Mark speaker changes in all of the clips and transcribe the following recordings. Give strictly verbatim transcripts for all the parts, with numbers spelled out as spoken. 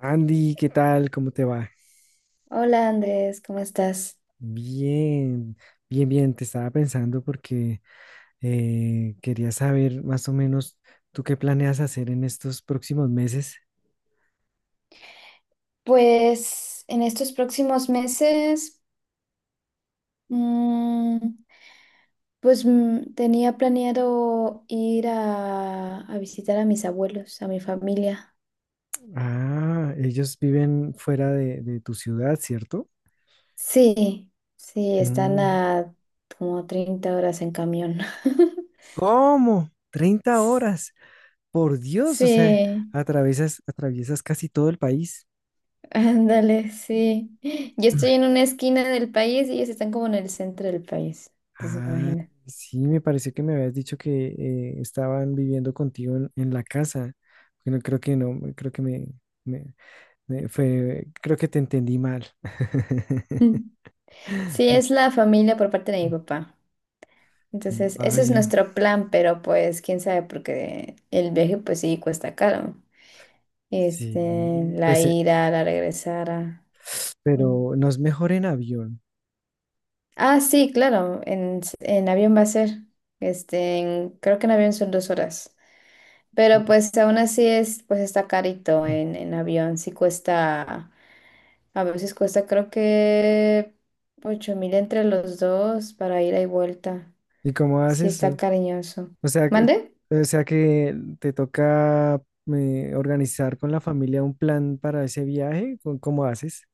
Speaker 1: Andy, ¿qué tal? ¿Cómo te va?
Speaker 2: Hola Andrés, ¿cómo estás?
Speaker 1: Bien, bien, bien. Te estaba pensando porque eh, quería saber más o menos tú qué planeas hacer en estos próximos meses.
Speaker 2: Pues en estos próximos meses, mm, pues mm, tenía planeado ir a, a visitar a mis abuelos, a mi familia.
Speaker 1: Ah, ellos viven fuera de, de tu ciudad, ¿cierto?
Speaker 2: Sí, sí, están
Speaker 1: Mm.
Speaker 2: a como treinta horas en camión.
Speaker 1: ¿Cómo? Treinta
Speaker 2: S-
Speaker 1: horas. Por Dios, o sea,
Speaker 2: Sí,
Speaker 1: atraviesas, atraviesas casi todo el país.
Speaker 2: ándale, sí. Yo estoy en una esquina del país y ellos están como en el centro del país, entonces
Speaker 1: Ah,
Speaker 2: imagina.
Speaker 1: sí, me pareció que me habías dicho que eh, estaban viviendo contigo en, en la casa. Bueno, creo que no, creo que me, me- me fue, creo que te entendí mal.
Speaker 2: Sí, es la familia por parte de mi papá. Entonces, ese es
Speaker 1: Vaya,
Speaker 2: nuestro plan, pero pues quién sabe, porque el viaje pues sí cuesta caro.
Speaker 1: sí,
Speaker 2: Este, la
Speaker 1: pues, eh,
Speaker 2: ida, la regresada. Mm.
Speaker 1: pero no es mejor en avión.
Speaker 2: Ah, sí, claro, en, s- en avión va a ser. Este, en- creo que en avión son dos horas. Pero pues aún así es, pues está carito en, en avión. Sí cuesta, a veces cuesta creo que ocho mil entre los dos para ida y vuelta.
Speaker 1: ¿Y cómo
Speaker 2: Sí
Speaker 1: haces?
Speaker 2: está
Speaker 1: O
Speaker 2: cariñoso.
Speaker 1: o sea que,
Speaker 2: ¿Mande?
Speaker 1: o sea que te toca eh, organizar con la familia un plan para ese viaje. ¿Cómo cómo haces?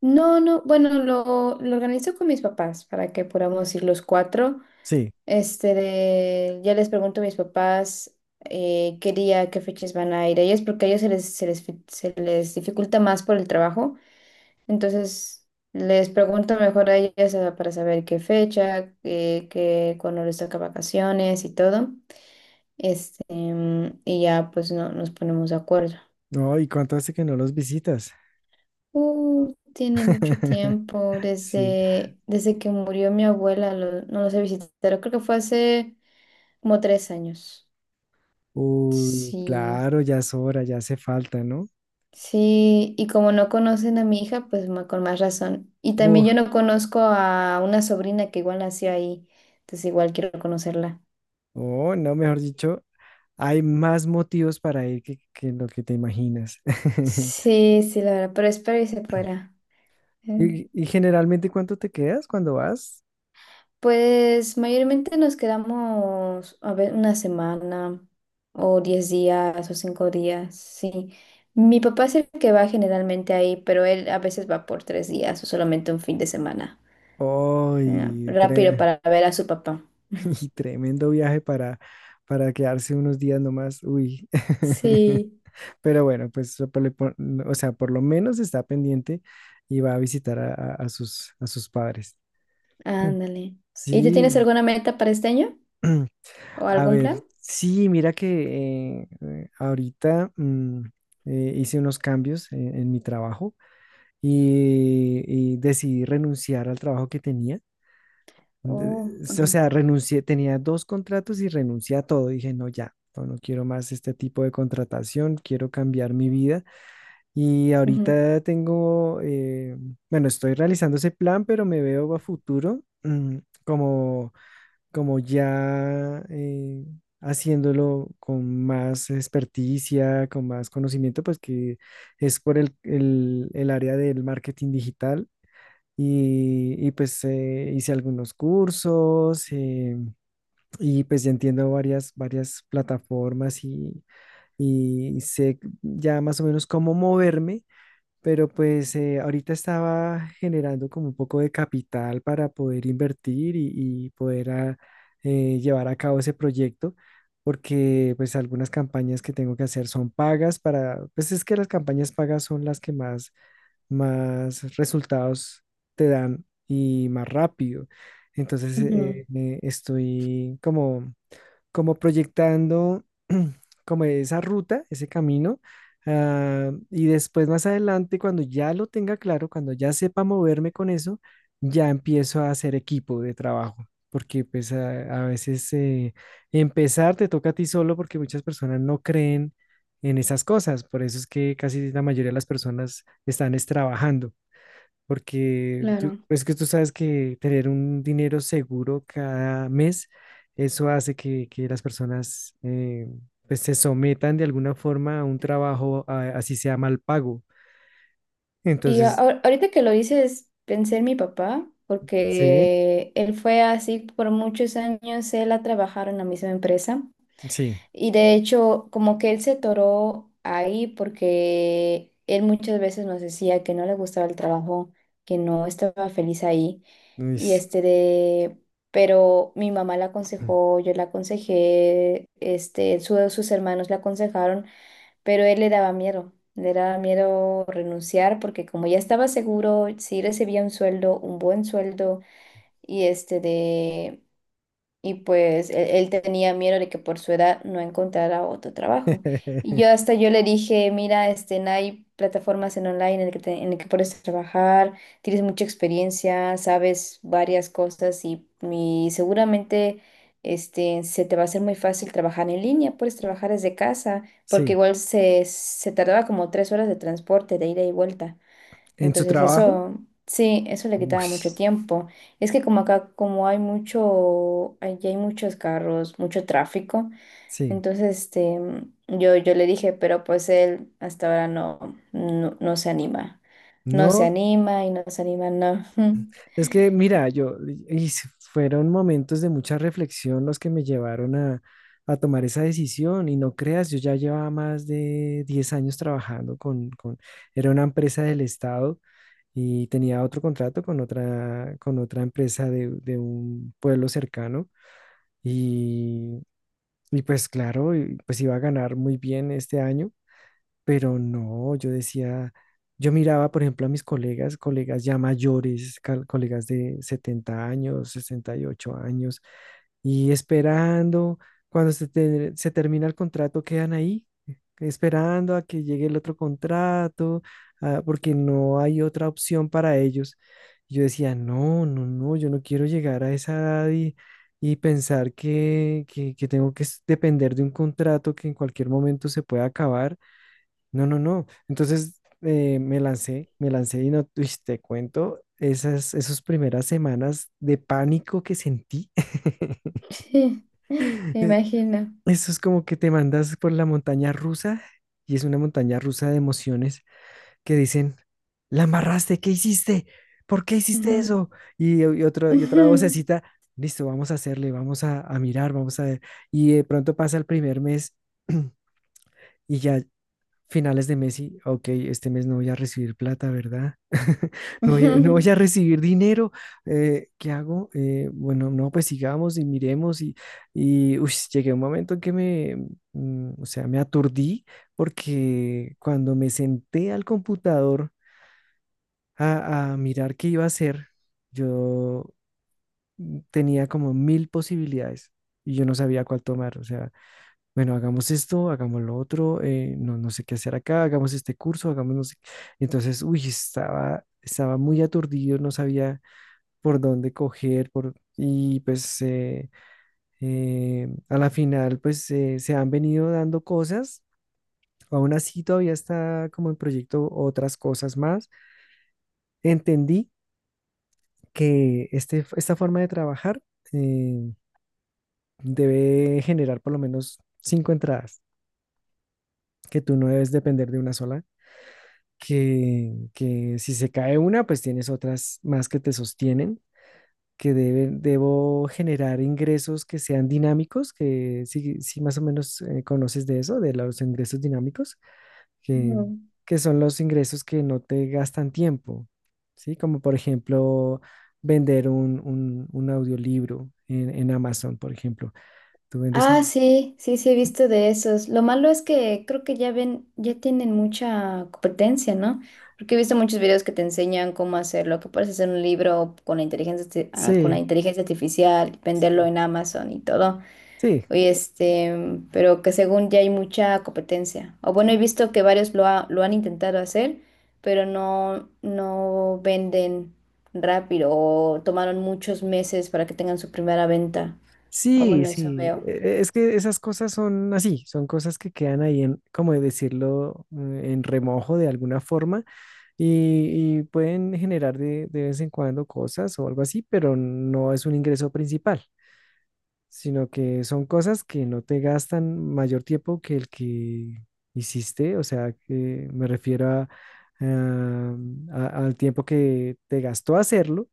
Speaker 2: No, no, bueno, lo, lo organizo con mis papás para que podamos ir los cuatro.
Speaker 1: Sí.
Speaker 2: Este, de- ya les pregunto a mis papás eh, qué día, qué fechas van a ir ellos, porque a ellos se les, se les, fi- se les dificulta más por el trabajo. Entonces, les pregunto mejor a ellas ah, para saber qué fecha, eh, qué, cuándo les toca vacaciones y todo. Este, mm, y ya pues no, nos ponemos de acuerdo.
Speaker 1: No, ¿y cuánto hace que no los visitas?
Speaker 2: Uh, tiene mucho tiempo,
Speaker 1: Sí.
Speaker 2: desde, desde que murió mi abuela, lo- no los he visitado, creo que fue hace como tres años.
Speaker 1: Uy,
Speaker 2: Sí,
Speaker 1: claro, ya es hora, ya hace falta, ¿no?
Speaker 2: sí, y como no conocen a mi hija, pues ma- con más razón. Y también
Speaker 1: Uf,
Speaker 2: yo no conozco a una sobrina que igual nació ahí, entonces igual quiero conocerla.
Speaker 1: oh, no, mejor dicho, hay más motivos para ir que, que lo que te imaginas.
Speaker 2: Sí, sí, la verdad, pero espero y se fuera.
Speaker 1: Y, y generalmente, ¿cuánto te quedas cuando vas?
Speaker 2: Pues mayormente nos quedamos, a ver, una semana o diez días o cinco días, sí. Mi papá es el que va generalmente ahí, pero él a veces va por tres días o solamente un fin de semana. Ya,
Speaker 1: Uy,
Speaker 2: rápido
Speaker 1: tre-
Speaker 2: para ver a su papá. Ujú.
Speaker 1: y tremendo viaje para, para quedarse unos días nomás. Uy.
Speaker 2: Sí,
Speaker 1: Pero bueno, pues, so, por le pon- o sea, por lo menos está pendiente y va a visitar a, a- a sus, a sus padres. Mm.
Speaker 2: ándale. ¿Y tú tienes
Speaker 1: Sí.
Speaker 2: alguna meta para este año? ¿O
Speaker 1: A
Speaker 2: algún
Speaker 1: ver,
Speaker 2: plan?
Speaker 1: sí, mira que eh, eh, ahorita mm, eh, hice unos cambios en, en mi trabajo y, y decidí renunciar al trabajo que tenía. De-
Speaker 2: Oh,
Speaker 1: O
Speaker 2: ajá,
Speaker 1: sea, renuncié, tenía dos contratos y renuncié a todo. Dije, no, ya, no, no quiero más este tipo de contratación, quiero cambiar mi vida. Y
Speaker 2: ujú,
Speaker 1: ahorita tengo, eh, bueno, estoy realizando ese plan, pero me veo a futuro mm, como como ya eh, haciéndolo con más experticia, con más conocimiento, pues que es por el, el- el área del marketing digital. Y, y, pues eh, hice algunos cursos, eh, y pues ya entiendo varias, varias plataformas, y, y sé ya más o menos cómo moverme, pero pues eh, ahorita estaba generando como un poco de capital para poder invertir y, y poder ah, eh, llevar a cabo ese proyecto, porque pues algunas campañas que tengo que hacer son pagas para, pues es que las campañas pagas son las que más, más resultados te dan y más rápido. Entonces
Speaker 2: ujú,
Speaker 1: eh, eh, estoy como como proyectando como esa ruta, ese camino. Ah, y después más adelante, cuando ya lo tenga claro, cuando ya sepa moverme con eso, ya empiezo a hacer equipo de trabajo, porque pues a, a veces eh, empezar te toca a ti solo porque muchas personas no creen en esas cosas. Por eso es que casi la mayoría de las personas están es trabajando, porque tú,
Speaker 2: claro.
Speaker 1: es que tú sabes que tener un dinero seguro cada mes, eso hace que, que las personas eh, pues se sometan de alguna forma a un trabajo, a- así sea mal pago.
Speaker 2: Y a-
Speaker 1: Entonces,
Speaker 2: ahor- ahorita que lo dices, pensé en mi papá,
Speaker 1: sí,
Speaker 2: porque él fue así por muchos años, él ha trabajado en la misma empresa
Speaker 1: sí,
Speaker 2: y de hecho como que él se toró ahí porque él muchas veces nos decía que no le gustaba el trabajo, que no estaba feliz ahí
Speaker 1: uy,
Speaker 2: y este de, pero mi mamá la aconsejó, yo la aconsejé, este, su- sus hermanos la aconsejaron pero él le daba miedo, le daba miedo renunciar porque como ya estaba seguro, sí recibía un sueldo, un buen sueldo y este de y pues él, él tenía miedo de que por su edad no encontrara otro trabajo. Y yo hasta yo le dije, mira, este, no hay plataformas en online en el que, te- en el que puedes trabajar, tienes mucha experiencia, sabes varias cosas y, y seguramente este, se te va a hacer muy fácil trabajar en línea, puedes trabajar desde casa, porque
Speaker 1: sí,
Speaker 2: igual se, se tardaba como tres horas de transporte, de ida y vuelta.
Speaker 1: en su
Speaker 2: Entonces
Speaker 1: trabajo,
Speaker 2: eso, sí, eso le
Speaker 1: uy,
Speaker 2: quitaba mucho tiempo. Es que como acá, como hay mucho, allí hay muchos carros, mucho tráfico,
Speaker 1: sí,
Speaker 2: entonces este, yo, yo le dije, pero pues él hasta ahora no, no, no se anima. No se
Speaker 1: no.
Speaker 2: anima y no se anima, no.
Speaker 1: Es que, mira, yo, y s- fueron momentos de mucha reflexión los que me llevaron a, a tomar esa decisión. Y no creas, yo ya llevaba más de diez años trabajando con, con, Era una empresa del Estado y tenía otro contrato con otra, con otra empresa de, de un pueblo cercano. Y, y pues claro, y pues iba a ganar muy bien este año. Pero no, yo decía, yo miraba, por ejemplo, a mis colegas, colegas ya mayores, cal- colegas de setenta años, sesenta y ocho años, y esperando, cuando se, te- se termina el contrato, quedan ahí, esperando a que llegue el otro contrato, ah, porque no hay otra opción para ellos. Yo decía, no, no, no, yo no quiero llegar a esa edad y, y pensar que, que que tengo que s- depender de un contrato que en cualquier momento se pueda acabar. No, no, no. Entonces eh, me lancé, me lancé y no, uy, te cuento, esas, esas primeras semanas de pánico que sentí.
Speaker 2: Sí, me
Speaker 1: Eh,
Speaker 2: imagino.
Speaker 1: Eso es como que te mandas por la montaña rusa, y es una montaña rusa de emociones que dicen: "La amarraste, ¿qué hiciste? ¿Por qué hiciste
Speaker 2: Ujú.
Speaker 1: eso?". Y, y otro, y otra vocecita: "Listo, vamos a hacerle, vamos a, a mirar, vamos a ver". Y de pronto pasa el primer mes y ya finales de mes y, ok, este mes no voy a recibir plata, ¿verdad? No voy, no voy
Speaker 2: Ujú.
Speaker 1: a recibir dinero. Eh, ¿qué hago? Eh, bueno, no, pues sigamos y miremos y, y uy, llegué a un momento en que me, mm, o sea, me aturdí, porque cuando me senté al computador a, a mirar qué iba a hacer, yo mm, tenía como mil posibilidades y yo no sabía cuál tomar. O sea, bueno, hagamos esto, hagamos lo otro, eh, no, no sé qué hacer acá, hagamos este curso, hagamos no sé qué. Entonces, uy, estaba, estaba muy aturdido, no sabía por dónde coger, por, y pues eh, eh, a la final, pues eh, se han venido dando cosas, aún así todavía está como en proyecto otras cosas más. Entendí que este, esta forma de trabajar eh, debe generar por lo menos cinco entradas, que tú no debes depender de una sola, que, que si se cae una, pues tienes otras más que te sostienen, que debe- debo generar ingresos que sean dinámicos, que si, si más o menos eh, conoces de eso, de los ingresos dinámicos, que,
Speaker 2: Ujú.
Speaker 1: que son los ingresos que no te gastan tiempo, ¿sí? Como por ejemplo vender un, un, un audiolibro en, en Amazon, por ejemplo. Tú vendes
Speaker 2: Ah,
Speaker 1: un...
Speaker 2: sí, sí, sí, he visto de esos. Lo malo es que creo que ya ven, ya tienen mucha competencia, ¿no? Porque he visto muchos videos que te enseñan cómo hacerlo, que puedes hacer un libro con la inteligencia, arti- ah, con la
Speaker 1: Sí,
Speaker 2: inteligencia artificial, venderlo
Speaker 1: sí,
Speaker 2: en Amazon y todo.
Speaker 1: sí.
Speaker 2: Y este, pero que según ya hay mucha competencia. O bueno, he visto que varios lo, ha- lo han intentado hacer, pero no, no venden rápido o tomaron muchos meses para que tengan su primera venta. O
Speaker 1: Sí,
Speaker 2: bueno, eso
Speaker 1: sí,
Speaker 2: veo.
Speaker 1: e- es que esas cosas son así, son cosas que quedan ahí en, como de decirlo, eh, en remojo de alguna forma, y, y pueden generar de, de vez en cuando cosas o algo así, pero no es un ingreso principal, sino que son cosas que no te gastan mayor tiempo que el que hiciste, o sea, que me refiero a, ah, a- al tiempo que te gastó hacerlo.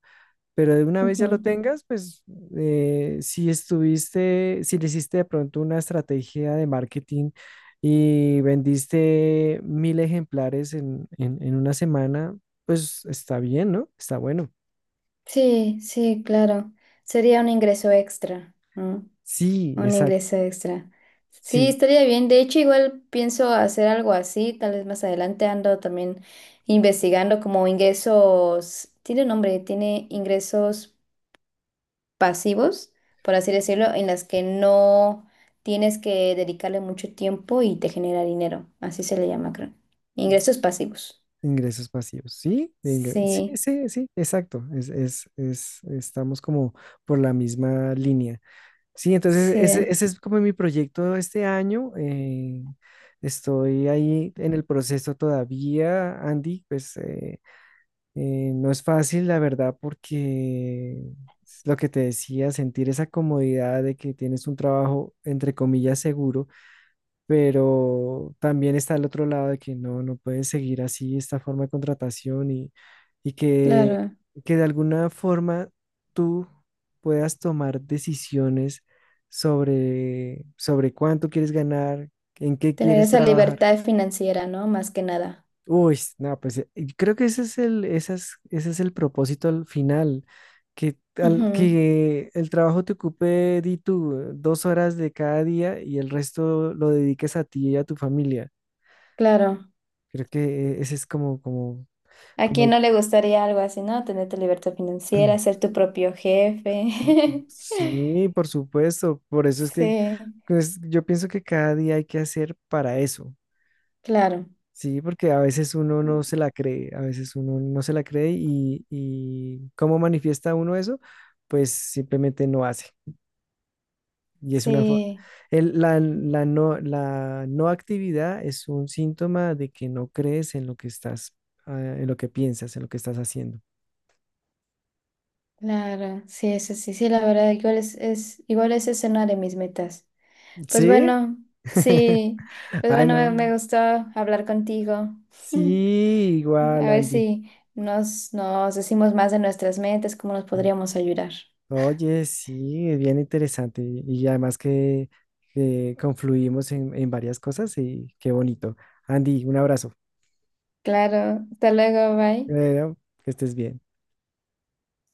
Speaker 1: Pero de una vez ya lo
Speaker 2: Ujú.
Speaker 1: tengas, pues eh, si estuviste, si le hiciste de pronto una estrategia de marketing y vendiste mil ejemplares en, en, en una semana, pues está bien, ¿no? Está bueno.
Speaker 2: Sí, sí, claro. Sería un ingreso extra, ¿no?
Speaker 1: Sí,
Speaker 2: Un
Speaker 1: exacto.
Speaker 2: ingreso extra. Sí,
Speaker 1: Sí,
Speaker 2: estaría bien. De hecho, igual pienso hacer algo así, tal vez más adelante ando también investigando como ingresos, tiene un nombre, tiene ingresos pasivos, por así decirlo, en las que no tienes que dedicarle mucho tiempo y te genera dinero. Así se le llama, creo. Ingresos pasivos.
Speaker 1: ingresos pasivos. Sí, de ingre- sí,
Speaker 2: Sí,
Speaker 1: sí, sí, exacto. Es, es, es, estamos como por la misma línea. Sí, entonces ese,
Speaker 2: sí,
Speaker 1: ese es como mi proyecto este año. Eh, estoy ahí en el proceso todavía, Andy. Pues eh, eh, no es fácil, la verdad, porque es lo que te decía: sentir esa comodidad de que tienes un trabajo, entre comillas, seguro, pero también está el otro lado de que no, no pueden seguir así esta forma de contratación, y, y que,
Speaker 2: claro.
Speaker 1: que de alguna forma tú puedas tomar decisiones sobre, sobre cuánto quieres ganar, en qué
Speaker 2: Tener
Speaker 1: quieres
Speaker 2: esa
Speaker 1: trabajar.
Speaker 2: libertad financiera, ¿no? Más que nada.
Speaker 1: Uy, no, pues eh, y creo que ese es el, ese es, ese es el propósito al final, que, al,
Speaker 2: Ujú,
Speaker 1: que el trabajo te ocupe, di tú, dos horas de cada día, y el resto lo dediques a ti y a tu familia.
Speaker 2: claro.
Speaker 1: Creo que e-, ese es como, como,
Speaker 2: ¿A
Speaker 1: como,
Speaker 2: quién
Speaker 1: el-
Speaker 2: no le gustaría algo así, no? Tener tu libertad financiera, ser tu propio jefe.
Speaker 1: Sí, por supuesto. Por eso es que
Speaker 2: Sí,
Speaker 1: pues, yo pienso que cada día hay que hacer para eso.
Speaker 2: claro.
Speaker 1: Sí, porque a veces uno no se la cree, a veces uno no se la cree, y, y ¿cómo manifiesta uno eso? Pues simplemente no hace. Y es una... fo-
Speaker 2: Sí,
Speaker 1: el- la, la no, La no actividad es un síntoma de que no crees en lo que estás, ah, en lo que piensas, en lo que estás haciendo.
Speaker 2: claro. Sí, eso sí, sí, la verdad, igual es, es, igual esa es una de mis metas. Pues
Speaker 1: ¿Sí?
Speaker 2: bueno, sí. Pues
Speaker 1: Ay,
Speaker 2: bueno, me,
Speaker 1: no.
Speaker 2: me gustó hablar contigo.
Speaker 1: Sí, igual,
Speaker 2: A ver
Speaker 1: Andy.
Speaker 2: si nos, nos decimos más de nuestras metas, cómo nos podríamos ayudar.
Speaker 1: Oye, sí, es bien interesante. Y además que eh, confluimos en, en varias cosas, y qué bonito. Andy, un abrazo.
Speaker 2: Claro, hasta luego, bye.
Speaker 1: Bueno, que estés bien.